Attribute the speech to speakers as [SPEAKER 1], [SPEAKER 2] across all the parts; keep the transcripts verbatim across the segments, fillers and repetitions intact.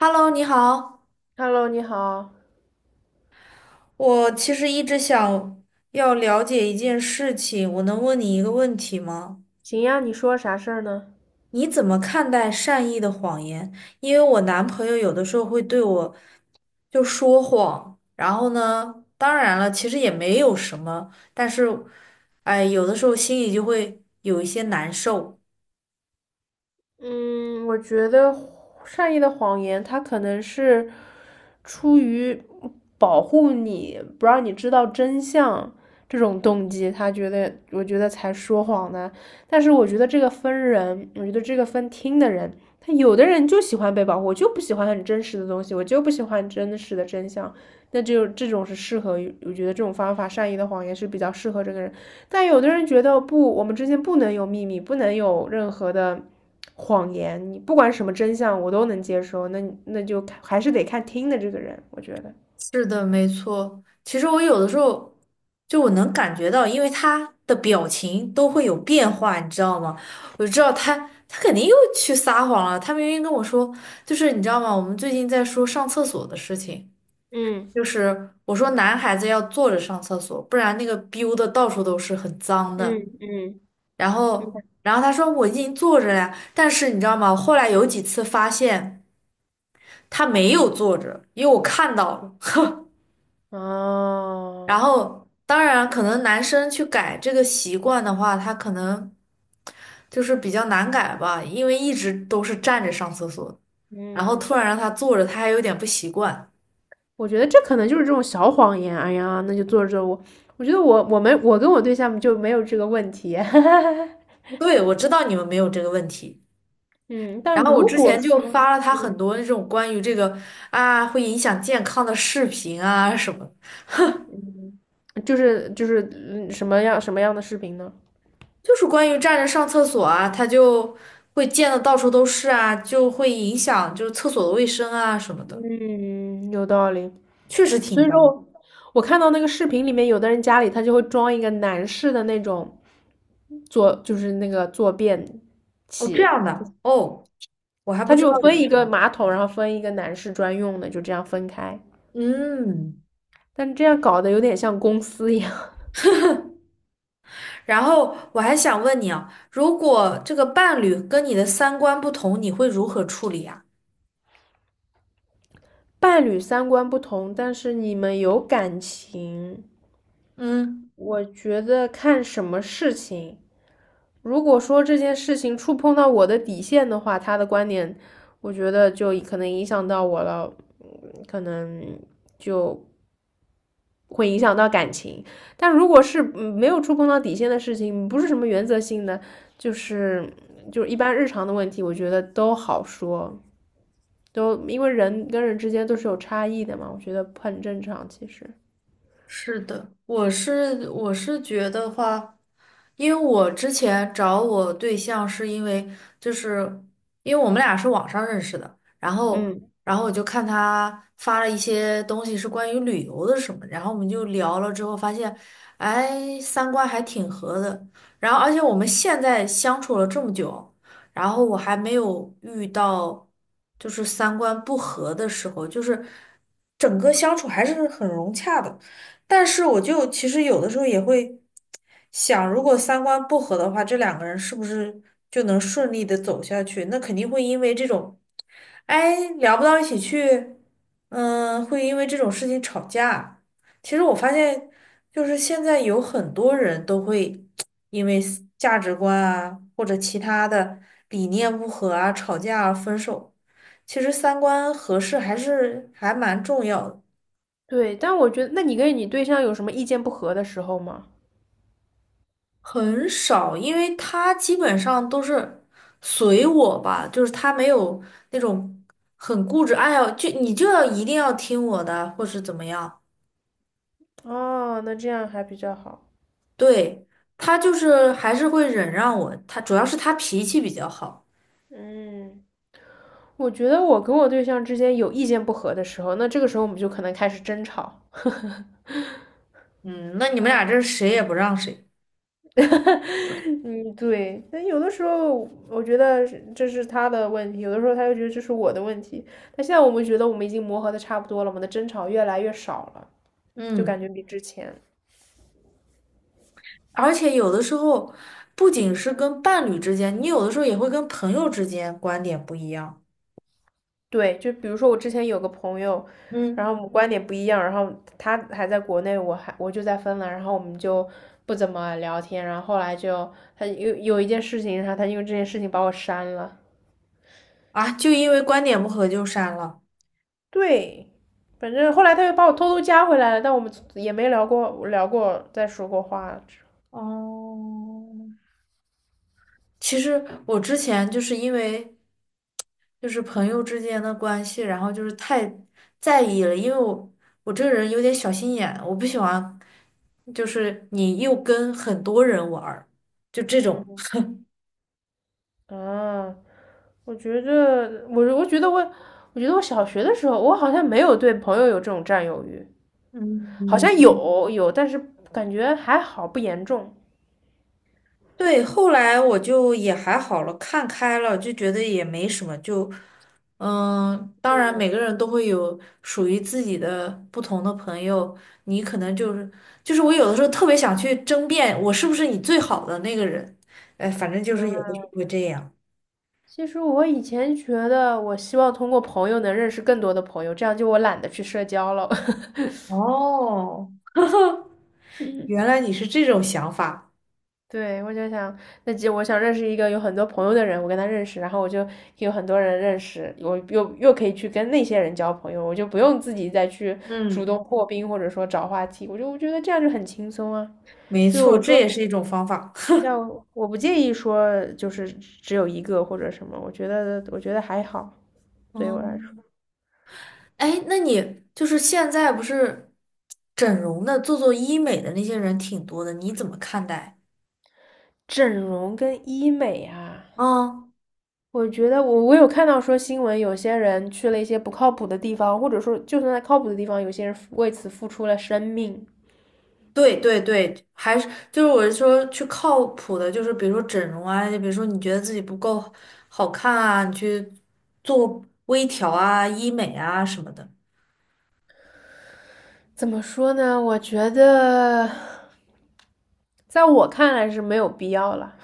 [SPEAKER 1] Hello，你好，
[SPEAKER 2] Hello，你好，
[SPEAKER 1] 我其实一直想要了解一件事情，我能问你一个问题吗？
[SPEAKER 2] 行呀，你说啥事儿呢？
[SPEAKER 1] 你怎么看待善意的谎言？因为我男朋友有的时候会对我就说谎，然后呢，当然了，其实也没有什么，但是，哎，有的时候心里就会有一些难受。
[SPEAKER 2] 嗯，我觉得善意的谎言，它可能是出于保护你，不让你知道真相这种动机，他觉得，我觉得才说谎的。但是我觉得这个分人，我觉得这个分听的人，他有的人就喜欢被保护，我就不喜欢很真实的东西，我就不喜欢真实的真相。那只有这种是适合我觉得这种方法善意的谎言是比较适合这个人。但有的人觉得不，我们之间不能有秘密，不能有任何的谎言，你不管什么真相我都能接受，那那就还是得看听的这个人，我觉得。
[SPEAKER 1] 是的，没错。其实我有的时候就我能感觉到，因为他的表情都会有变化，你知道吗？我就知道他他肯定又去撒谎了。他明明跟我说，就是你知道吗？我们最近在说上厕所的事情，
[SPEAKER 2] 嗯，
[SPEAKER 1] 就是我说男孩子要坐着上厕所，不然那个 b i 的到处都是，很脏
[SPEAKER 2] 嗯，
[SPEAKER 1] 的。
[SPEAKER 2] 嗯，
[SPEAKER 1] 然
[SPEAKER 2] 嗯，
[SPEAKER 1] 后然后他说我已经坐着了呀，但是你知道吗？后来有几次发现他没有坐着，因为我看到了。然
[SPEAKER 2] 哦，
[SPEAKER 1] 后，当然，可能男生去改这个习惯的话，他可能就是比较难改吧，因为一直都是站着上厕所，然后
[SPEAKER 2] 嗯，
[SPEAKER 1] 突然让他坐着，他还有点不习惯。
[SPEAKER 2] 我觉得这可能就是这种小谎言。哎呀，那就做着我，我觉得我我们我跟我对象就没有这个问题。
[SPEAKER 1] 对，我知道你们没有这个问题。
[SPEAKER 2] 嗯，但
[SPEAKER 1] 然后我
[SPEAKER 2] 如
[SPEAKER 1] 之
[SPEAKER 2] 果
[SPEAKER 1] 前就
[SPEAKER 2] 说，
[SPEAKER 1] 发了他很
[SPEAKER 2] 嗯。
[SPEAKER 1] 多那种关于这个啊会影响健康的视频啊什么，
[SPEAKER 2] 嗯，就是就是嗯什么样什么样的视频呢？
[SPEAKER 1] 就是关于站着上厕所啊，他就会溅得到处都是啊，就会影响就是厕所的卫生啊什么的，
[SPEAKER 2] 嗯，有道理。
[SPEAKER 1] 确实挺
[SPEAKER 2] 所以说
[SPEAKER 1] 脏。
[SPEAKER 2] 我，我看到那个视频里面，有的人家里他就会装一个男士的那种坐，就是那个坐便
[SPEAKER 1] 哦，这
[SPEAKER 2] 器，
[SPEAKER 1] 样的哦。我还不
[SPEAKER 2] 他
[SPEAKER 1] 知道
[SPEAKER 2] 就
[SPEAKER 1] 有
[SPEAKER 2] 分
[SPEAKER 1] 这
[SPEAKER 2] 一个
[SPEAKER 1] 种。
[SPEAKER 2] 马桶，然后分一个男士专用的，就这样分开。
[SPEAKER 1] 嗯，
[SPEAKER 2] 但这样搞得有点像公司一样，
[SPEAKER 1] 然后我还想问你啊，如果这个伴侣跟你的三观不同，你会如何处理啊？
[SPEAKER 2] 伴侣三观不同，但是你们有感情。
[SPEAKER 1] 嗯。
[SPEAKER 2] 我觉得看什么事情。如果说这件事情触碰到我的底线的话，他的观点，我觉得就可能影响到我了，嗯，可能就会影响到感情。但如果是嗯没有触碰到底线的事情，不是什么原则性的，就是就是一般日常的问题，我觉得都好说，都因为人跟人之间都是有差异的嘛，我觉得很正常。其实，
[SPEAKER 1] 是的，我是我是觉得话，因为我之前找我对象是因为就是因为我们俩是网上认识的，然后
[SPEAKER 2] 嗯，
[SPEAKER 1] 然后我就看他发了一些东西是关于旅游的什么，然后我们就聊了之后发现，哎，三观还挺合的，然后而且我们现在相处了这么久，然后我还没有遇到就是三观不合的时候，就是整个相处还是很融洽的。但是我就其实有的时候也会想，如果三观不合的话，这两个人是不是就能顺利的走下去？那肯定会因为这种，哎，聊不到一起去，嗯，会因为这种事情吵架。其实我发现，就是现在有很多人都会因为思价值观啊，或者其他的理念不合啊，吵架啊，分手。其实三观合适还是还蛮重要的。
[SPEAKER 2] 对。但我觉得，那你跟你对象有什么意见不合的时候吗？
[SPEAKER 1] 很少，因为他基本上都是随我吧，就是他没有那种很固执，哎呀，就你就要一定要听我的，或是怎么样。
[SPEAKER 2] 哦，那这样还比较好。
[SPEAKER 1] 对，他就是还是会忍让我，他主要是他脾气比较好。
[SPEAKER 2] 嗯，我觉得我跟我对象之间有意见不合的时候，那这个时候我们就可能开始争吵。
[SPEAKER 1] 嗯，那你们
[SPEAKER 2] 嗯，
[SPEAKER 1] 俩这是谁也不让谁。
[SPEAKER 2] 嗯，对。但有的时候我觉得是这是他的问题，有的时候他又觉得这是我的问题。但现在我们觉得我们已经磨合的差不多了，我们的争吵越来越少了，就
[SPEAKER 1] 嗯，
[SPEAKER 2] 感觉比之前。
[SPEAKER 1] 而且有的时候不仅是跟伴侣之间，你有的时候也会跟朋友之间观点不一样。
[SPEAKER 2] 对，就比如说我之前有个朋友，然后
[SPEAKER 1] 嗯，
[SPEAKER 2] 我们观点不一样，然后他还在国内，我还我就在芬兰，然后我们就不怎么聊天，然后后来就他有有一件事情，然后他因为这件事情把我删了。
[SPEAKER 1] 啊，就因为观点不合就删了。
[SPEAKER 2] 对，反正后来他又把我偷偷加回来了，但我们也没聊过聊过再说过话。
[SPEAKER 1] 哦，其实我之前就是因为就是朋友之间的关系，然后就是太在意了，因为我我这个人有点小心眼，我不喜欢就是你又跟很多人玩儿，就这种。
[SPEAKER 2] 嗯，啊，我觉得我我觉得我我觉得我小学的时候，我好像没有对朋友有这种占有欲。好
[SPEAKER 1] 嗯，
[SPEAKER 2] 像有有，但是感觉还好，不严重。
[SPEAKER 1] 对，后来我就也还好了，看开了，就觉得也没什么，就，嗯，当然
[SPEAKER 2] 对，
[SPEAKER 1] 每个人都会有属于自己的不同的朋友，你可能就是就是我有的时候特别想去争辩，我是不是你最好的那个人，哎，反正就是有的时候会这样。
[SPEAKER 2] 其实我以前觉得，我希望通过朋友能认识更多的朋友，这样就我懒得去社交了。
[SPEAKER 1] 哦，
[SPEAKER 2] 嗯，
[SPEAKER 1] 原来你是这种想法，
[SPEAKER 2] 对，我就想，那就我想认识一个有很多朋友的人，我跟他认识，然后我就有很多人认识，我又又可以去跟那些人交朋友，我就不用自己再去主
[SPEAKER 1] 嗯，
[SPEAKER 2] 动破冰或者说找话题，我就我觉得这样就很轻松啊。
[SPEAKER 1] 没
[SPEAKER 2] 所以
[SPEAKER 1] 错，
[SPEAKER 2] 我
[SPEAKER 1] 这
[SPEAKER 2] 说，
[SPEAKER 1] 也是一种方法。
[SPEAKER 2] 要 我不介意说就是只有一个或者什么，我觉得我觉得还好，对于我来说，
[SPEAKER 1] 嗯。哎，那你就是现在不是整容的、做做医美的那些人挺多的，你怎么看待？
[SPEAKER 2] 整容跟医美啊，
[SPEAKER 1] 嗯，
[SPEAKER 2] 我觉得我我有看到说新闻，有些人去了一些不靠谱的地方，或者说就算在靠谱的地方，有些人为此付出了生命。
[SPEAKER 1] 对对对，还是就是我是说去靠谱的，就是比如说整容啊，就比如说你觉得自己不够好看啊，你去做微调啊、医美啊什么的。
[SPEAKER 2] 怎么说呢？我觉得在我看来是没有必要了。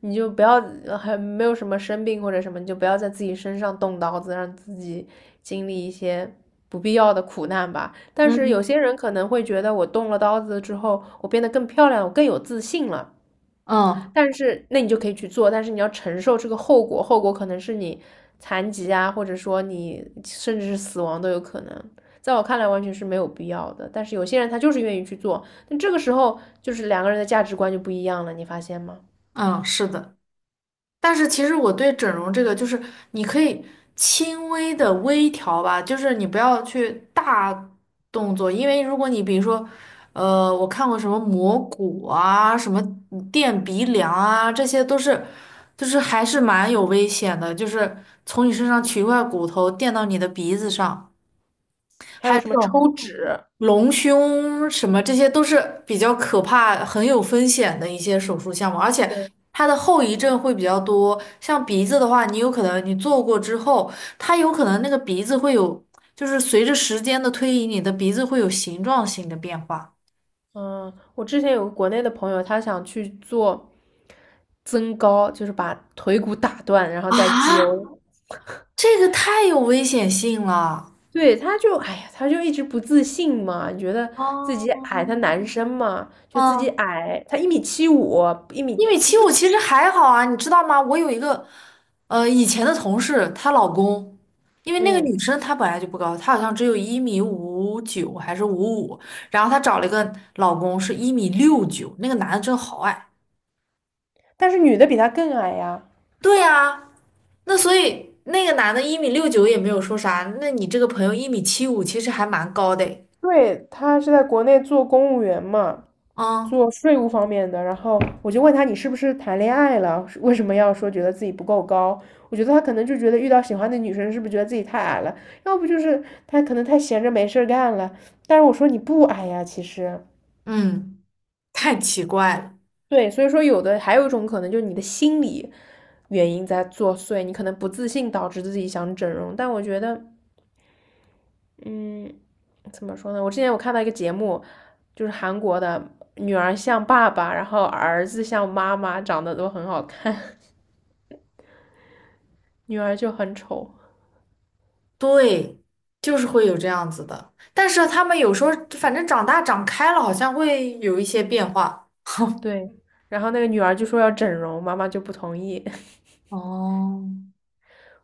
[SPEAKER 2] 你就不要还没有什么生病或者什么，你就不要在自己身上动刀子，让自己经历一些不必要的苦难吧。但是有
[SPEAKER 1] 嗯
[SPEAKER 2] 些人可能会觉得，我动了刀子之后，我变得更漂亮，我更有自信了。
[SPEAKER 1] 嗯
[SPEAKER 2] 但是那你就可以去做，但是你要承受这个后果，后果可能是你残疾啊，或者说你甚至是死亡都有可能。在我看来，完全是没有必要的。但是有些人他就是愿意去做，那这个时候就是两个人的价值观就不一样了，你发现吗？
[SPEAKER 1] 嗯，是的。但是其实我对整容这个，就是你可以轻微的微调吧，就是你不要去大动作，因为如果你比如说，呃，我看过什么磨骨啊，什么垫鼻梁啊，这些都是，就是还是蛮有危险的，就是从你身上取一块骨头垫到你的鼻子上。
[SPEAKER 2] 还
[SPEAKER 1] 还
[SPEAKER 2] 有
[SPEAKER 1] 有
[SPEAKER 2] 什
[SPEAKER 1] 这
[SPEAKER 2] 么
[SPEAKER 1] 种。
[SPEAKER 2] 抽脂？
[SPEAKER 1] 隆胸什么，这些都是比较可怕、很有风险的一些手术项目，而且
[SPEAKER 2] 对，
[SPEAKER 1] 它的后遗症会比较多。像鼻子的话，你有可能你做过之后，它有可能那个鼻子会有，就是随着时间的推移，你的鼻子会有形状性的变化。
[SPEAKER 2] 嗯，我之前有个国内的朋友，他想去做增高，就是把腿骨打断，然后再接。
[SPEAKER 1] 啊？
[SPEAKER 2] 我，
[SPEAKER 1] 这个太有危险性了。
[SPEAKER 2] 对，他就，哎呀，他就一直不自信嘛，觉得自
[SPEAKER 1] 哦，
[SPEAKER 2] 己矮，他男生嘛，就自己
[SPEAKER 1] 嗯，
[SPEAKER 2] 矮，他一米七五，一米
[SPEAKER 1] 一米
[SPEAKER 2] 就
[SPEAKER 1] 七
[SPEAKER 2] 不，
[SPEAKER 1] 五其实还好啊，你知道吗？我有一个，呃，以前的同事，她老公，因为那个女
[SPEAKER 2] 嗯，
[SPEAKER 1] 生她本来就不高，她好像只有一米五九还是五五，然后她找了一个老公是一米六九，那个男的真好矮。
[SPEAKER 2] 但是女的比他更矮呀。
[SPEAKER 1] 对呀，那所以那个男的一米六九也没有说啥，那你这个朋友一米七五其实还蛮高的诶，
[SPEAKER 2] 对，他是在国内做公务员嘛，
[SPEAKER 1] 嗯
[SPEAKER 2] 做税务方面的，然后我就问他你是不是谈恋爱了？为什么要说觉得自己不够高？我觉得他可能就觉得遇到喜欢的女生是不是觉得自己太矮了？要不就是他可能太闲着没事儿干了。但是我说你不矮呀，其实
[SPEAKER 1] 嗯，太奇怪了。
[SPEAKER 2] 对，所以说有的还有一种可能就是你的心理原因在作祟，你可能不自信导致自己想整容。但我觉得，嗯，怎么说呢？我之前我看到一个节目，就是韩国的女儿像爸爸，然后儿子像妈妈，长得都很好看。女儿就很丑，
[SPEAKER 1] 对，就是会有这样子的。但是他们有时候反正长大长开了，好像会有一些变化。
[SPEAKER 2] 对。然后那个女儿就说要整容，妈妈就不同意。
[SPEAKER 1] 哦，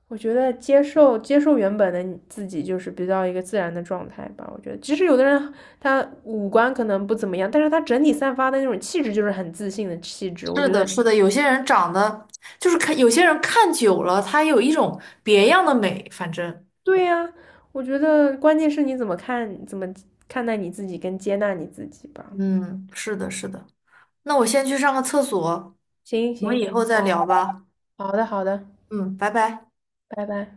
[SPEAKER 2] 我觉得接受接受原本的你自己，就是比较一个自然的状态吧。我觉得，其实有的人他五官可能不怎么样，但是他整体散发的那种气质就是很自信的气质。我
[SPEAKER 1] 是
[SPEAKER 2] 觉
[SPEAKER 1] 的，
[SPEAKER 2] 得，
[SPEAKER 1] 是的，有些人长得就是看，有些人看久了，他有一种别样的美。反正，
[SPEAKER 2] 对呀、我觉得关键是你怎么看，怎么看待你自己跟接纳你自己吧。
[SPEAKER 1] 嗯，是的，是的。那我先去上个厕所，
[SPEAKER 2] 行
[SPEAKER 1] 我们以
[SPEAKER 2] 行，
[SPEAKER 1] 后再
[SPEAKER 2] 好
[SPEAKER 1] 聊吧。
[SPEAKER 2] 好的好的，
[SPEAKER 1] 嗯，拜拜。
[SPEAKER 2] 拜拜。